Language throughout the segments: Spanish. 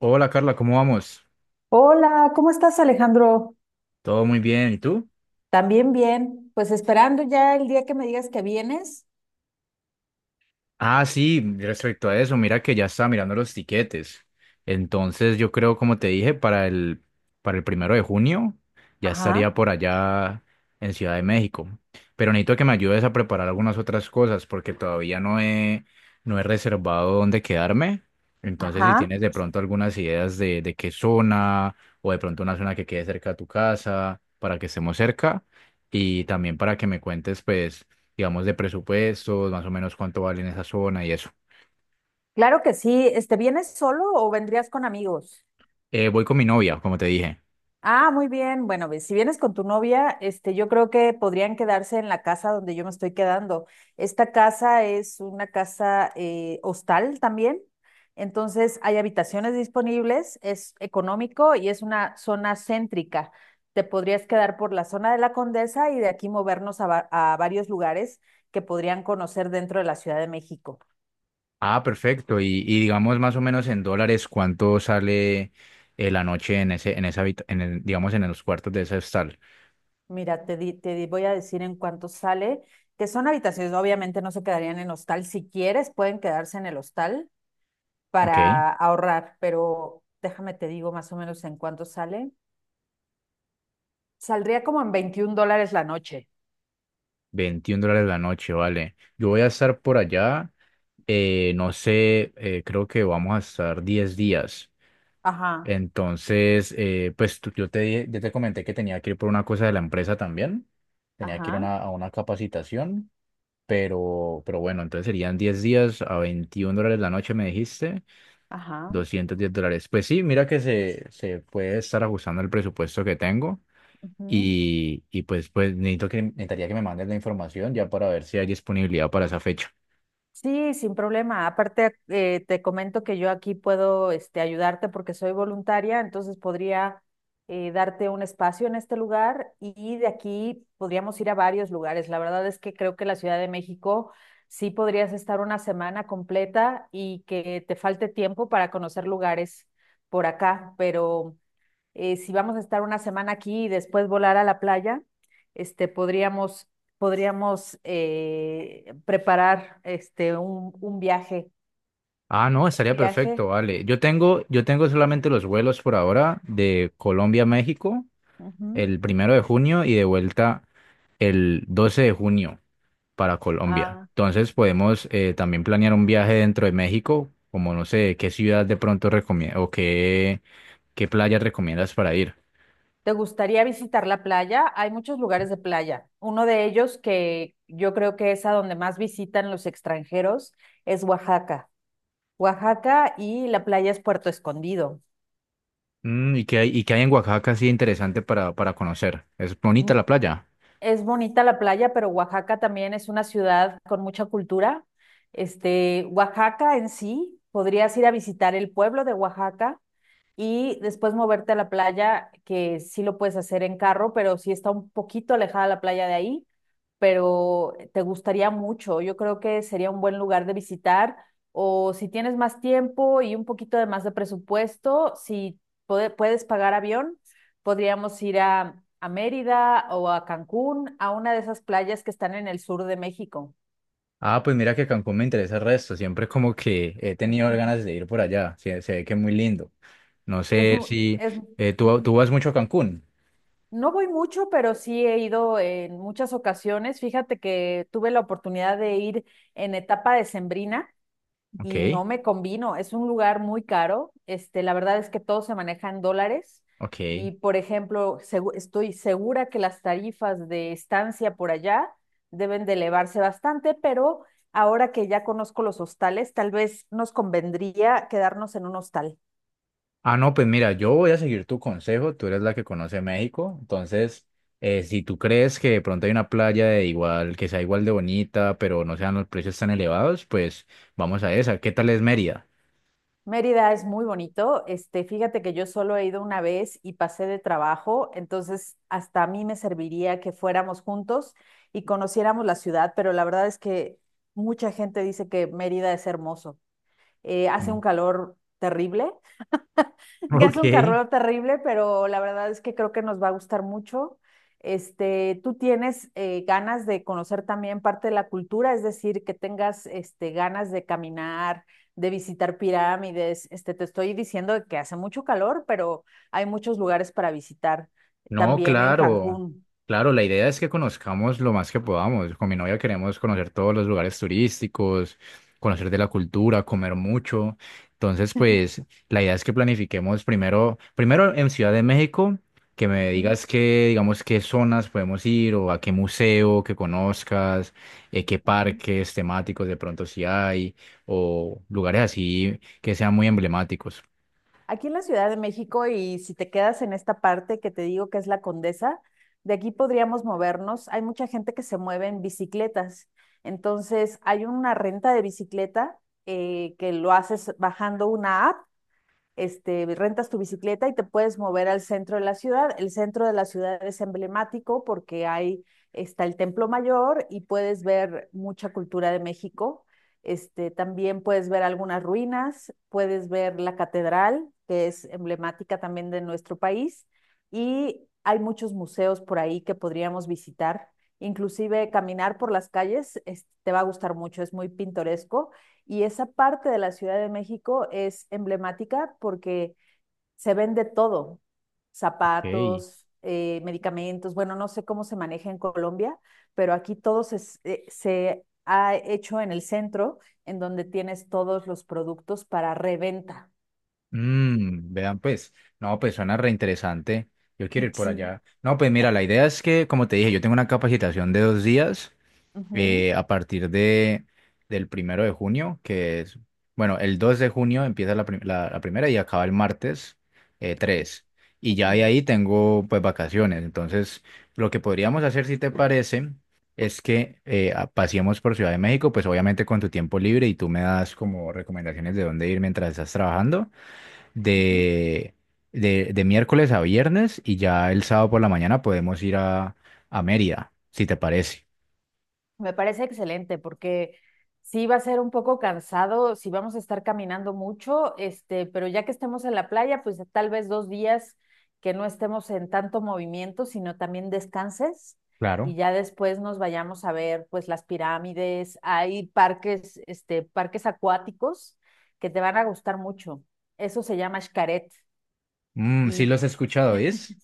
Hola Carla, ¿cómo vamos? Hola, ¿cómo estás, Alejandro? Todo muy bien, ¿y tú? También bien, pues esperando ya el día que me digas que vienes. Ah, sí, respecto a eso, mira que ya estaba mirando los tiquetes. Entonces, yo creo, como te dije, para el 1 de junio ya estaría Ajá, por allá en Ciudad de México. Pero necesito que me ayudes a preparar algunas otras cosas porque todavía no he reservado dónde quedarme. Entonces, si ajá. tienes de pronto algunas ideas de qué zona o de pronto una zona que quede cerca de tu casa para que estemos cerca. Y también para que me cuentes, pues, digamos, de presupuestos, más o menos cuánto vale en esa zona y eso. Claro que sí. Este, ¿vienes solo o vendrías con amigos? Voy con mi novia, como te dije. Ah, muy bien. Bueno, ve, si vienes con tu novia, este, yo creo que podrían quedarse en la casa donde yo me estoy quedando. Esta casa es una casa hostal también, entonces hay habitaciones disponibles, es económico y es una zona céntrica. Te podrías quedar por la zona de la Condesa y de aquí movernos a, a varios lugares que podrían conocer dentro de la Ciudad de México. Ah, perfecto. Y digamos, más o menos en dólares, ¿cuánto sale la noche en ese, en esa habita- en el- digamos, en los cuartos de ese hostal? Mira, voy a decir en cuánto sale, que son habitaciones, obviamente no se quedarían en hostal. Si quieres, pueden quedarse en el hostal Ok, para ahorrar, pero déjame te digo más o menos en cuánto sale. Saldría como en $21 la noche. US$21 la noche, vale. Yo voy a estar por allá, no sé, creo que vamos a estar 10 días. Ajá, Entonces, pues yo te comenté que tenía que ir por una cosa de la empresa también. Tenía que ir a ajá, una capacitación. Pero bueno, entonces serían 10 días a US$21 la noche, me dijiste, ajá. US$210. Pues sí, mira que se puede estar ajustando el presupuesto que tengo Ujú. y pues necesitaría que me mandes la información ya para ver si hay disponibilidad para esa fecha. Sí, sin problema. Aparte, te comento que yo aquí puedo ayudarte porque soy voluntaria, entonces podría darte un espacio en este lugar y de aquí podríamos ir a varios lugares. La verdad es que creo que la Ciudad de México sí podrías estar una semana completa y que te falte tiempo para conocer lugares por acá, pero si vamos a estar una semana aquí y después volar a la playa, este, podríamos, podríamos preparar un viaje. Ah, no, estaría perfecto, Viaje. vale. Yo tengo solamente los vuelos por ahora de Colombia a México Ujú, el 1 de junio y de vuelta el 12 de junio para Colombia. a- Entonces podemos también planear un viaje dentro de México, como no sé, qué ciudad de pronto recomiendas o qué playas recomiendas para ir. ¿te gustaría visitar la playa? Hay muchos lugares de playa. Uno de ellos que yo creo que es a donde más visitan los extranjeros es Oaxaca. Oaxaca y la playa es Puerto Escondido. Mm, ¿y qué hay en Oaxaca así interesante para conocer? ¿Es Mm, bonita la playa? es bonita la playa, pero Oaxaca también es una ciudad con mucha cultura. Oaxaca en sí, podrías ir a visitar el pueblo de Oaxaca, y después moverte a la playa, que sí lo puedes hacer en carro, pero sí está un poquito alejada la playa de ahí, pero te gustaría mucho. Yo creo que sería un buen lugar de visitar o si tienes más tiempo y un poquito de más de presupuesto, si puedes pagar avión, podríamos ir a Mérida o a Cancún, a una de esas playas que están en el sur de México. Ah, pues mira que Cancún me interesa el resto, siempre como que he tenido ganas de ir por allá, se ve que es muy lindo. No Es, sé si tú, ujú. tú vas mucho a Cancún. No voy mucho, pero sí he ido en muchas ocasiones. Fíjate que tuve la oportunidad de ir en etapa decembrina y no Ok, me convino. Es un lugar muy caro. La verdad es que todo se maneja en dólares. ok. Y, por ejemplo, estoy segura que las tarifas de estancia por allá deben de elevarse bastante, pero ahora que ya conozco los hostales, tal vez nos convendría quedarnos en un hostal. Ah, no, pues mira, yo voy a seguir tu consejo, tú eres la que conoce México, entonces, si tú crees que de pronto hay una playa de igual, que sea igual de bonita, pero no sean los precios tan elevados, pues vamos a esa. ¿Qué tal es Mérida? Mérida es muy bonito. Fíjate que yo solo he ido una vez y pasé de trabajo, entonces hasta a mí me serviría que fuéramos juntos y conociéramos la ciudad, pero la verdad es que mucha gente dice que Mérida es hermoso. Hace un calor terrible, Mm. ya es un Ok. carrero terrible, pero la verdad es que creo que nos va a gustar mucho. Tú tienes ganas de conocer también parte de la cultura, es decir, que tengas ganas de caminar, de visitar pirámides. Te estoy diciendo que hace mucho calor, pero hay muchos lugares para visitar No, también en claro, Cancún. claro, la idea es que conozcamos lo más que podamos. Con mi novia queremos conocer todos los lugares turísticos, conocer de la cultura, comer mucho. Entonces, pues, la idea es que planifiquemos primero, primero en Ciudad de México, que me Ujú, digas qué, digamos, qué zonas podemos ir o a qué museo que conozcas, qué ujú. parques temáticos de pronto si hay, o lugares así que sean muy emblemáticos. Aquí en la Ciudad de México, y si te quedas en esta parte que te digo que es la Condesa, de aquí podríamos movernos. Hay mucha gente que se mueve en bicicletas. Entonces, hay una renta de bicicleta que lo haces bajando una app, rentas tu bicicleta y te puedes mover al centro de la ciudad. El centro de la ciudad es emblemático porque ahí está el Templo Mayor y puedes ver mucha cultura de México. También puedes ver algunas ruinas, puedes ver la catedral, que es emblemática también de nuestro país, y hay muchos museos por ahí que podríamos visitar. Inclusive caminar por las calles es, te va a gustar mucho, es muy pintoresco, y esa parte de la Ciudad de México es emblemática porque se vende todo, Ok. zapatos, medicamentos, bueno, no sé cómo se maneja en Colombia, pero aquí todo se ha hecho en el centro, en donde tienes todos los productos para reventa. Mm, vean pues, no, pues suena reinteresante. Yo quiero ir por Sí. allá. No, pues mira, la idea es que, como te dije, yo tengo una capacitación de 2 días Ujú, a partir del 1 de junio, que es, bueno, el 2 de junio empieza la primera y acaba el martes 3. Y ya de ujú, ahí tengo pues vacaciones. Entonces, lo que podríamos hacer, si te parece, es que paseemos por Ciudad de México, pues obviamente con tu tiempo libre y tú me das como recomendaciones de dónde ir mientras estás trabajando ujú. de, de miércoles a viernes y ya el sábado por la mañana podemos ir a Mérida, si te parece. Me parece excelente porque sí va a ser un poco cansado, sí vamos a estar caminando mucho, pero ya que estemos en la playa, pues tal vez 2 días que no estemos en tanto movimiento, sino también descanses, y Claro. ya después nos vayamos a ver pues las pirámides, hay parques, parques acuáticos que te van a gustar mucho. Eso se llama Xcaret. Mm, sí Y los he escuchado, ¿es?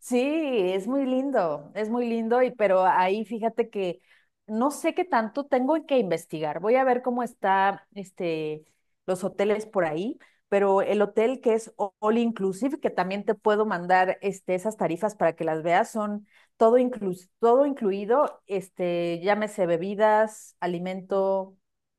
sí, es muy lindo, y pero ahí fíjate que no sé qué tanto tengo que investigar. Voy a ver cómo está los hoteles por ahí, pero el hotel que es all inclusive, que también te puedo mandar esas tarifas para que las veas, son todo incluido, llámese bebidas, alimento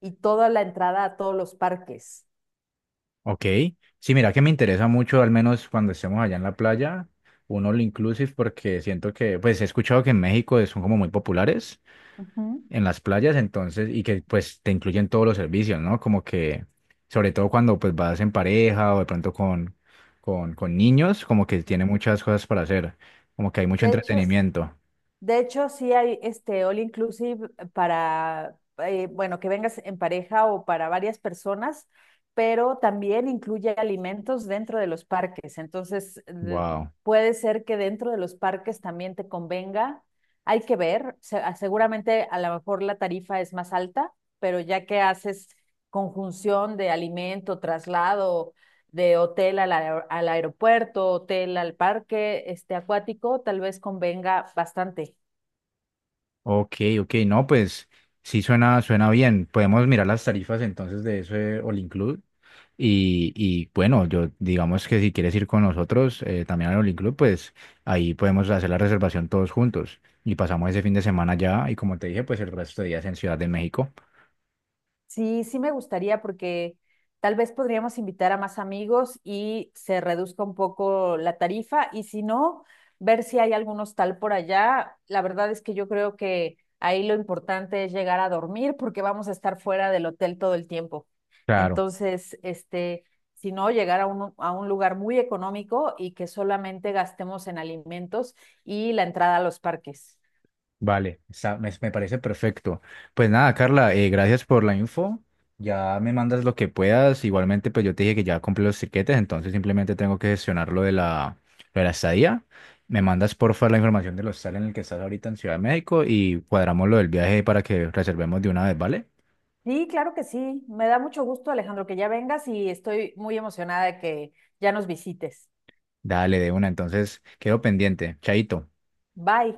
y toda la entrada a todos los parques. Ok. Sí, mira que me interesa mucho, al menos cuando estemos allá en la playa, un all inclusive, porque siento que, pues he escuchado que en México son como muy populares Ujú. en las playas, entonces, y que pues te incluyen todos los servicios, ¿no? Como que, sobre todo cuando pues vas en pareja o de pronto con, con niños, como que tiene muchas cosas para hacer, como que hay mucho De hecho, entretenimiento. De hecho, sí hay este all inclusive para, bueno, que vengas en pareja o para varias personas, pero también incluye alimentos dentro de los parques. Entonces, de- Wow. puede ser que dentro de los parques también te convenga. Hay que ver, seguramente a lo mejor la tarifa es más alta, pero ya que haces conjunción de alimento, traslado, de hotel al, al aeropuerto, hotel al parque acuático, tal vez convenga bastante. Ok, ok, no, pues sí suena, bien. Podemos mirar las tarifas entonces de ese All Include. Y, bueno, yo digamos que si quieres ir con nosotros también al All Club, pues ahí podemos hacer la reservación todos juntos. Y pasamos ese fin de semana ya y como te dije, pues el resto de días en Ciudad de México. Sí, sí me gustaría porque tal vez podríamos invitar a más amigos y se reduzca un poco la tarifa, y si no, ver si hay algún hostal por allá. La verdad es que yo creo que ahí lo importante es llegar a dormir porque vamos a estar fuera del hotel todo el tiempo. Claro. Entonces, si no, llegar a a un lugar muy económico y que solamente gastemos en alimentos y la entrada a los parques. Vale, me parece perfecto. Pues nada, Carla, gracias por la info. Ya me mandas lo que puedas. Igualmente, pues yo te dije que ya compré los tiquetes, entonces simplemente tengo que gestionar lo de la estadía. Me mandas porfa la información del hostal en el que estás ahorita en Ciudad de México y cuadramos lo del viaje para que reservemos de una vez, ¿vale? Sí, claro que sí. Me da mucho gusto, Alejandro, que ya vengas y estoy muy emocionada de que ya nos visites. Dale, de una. Entonces, quedo pendiente. Chaito. Bye.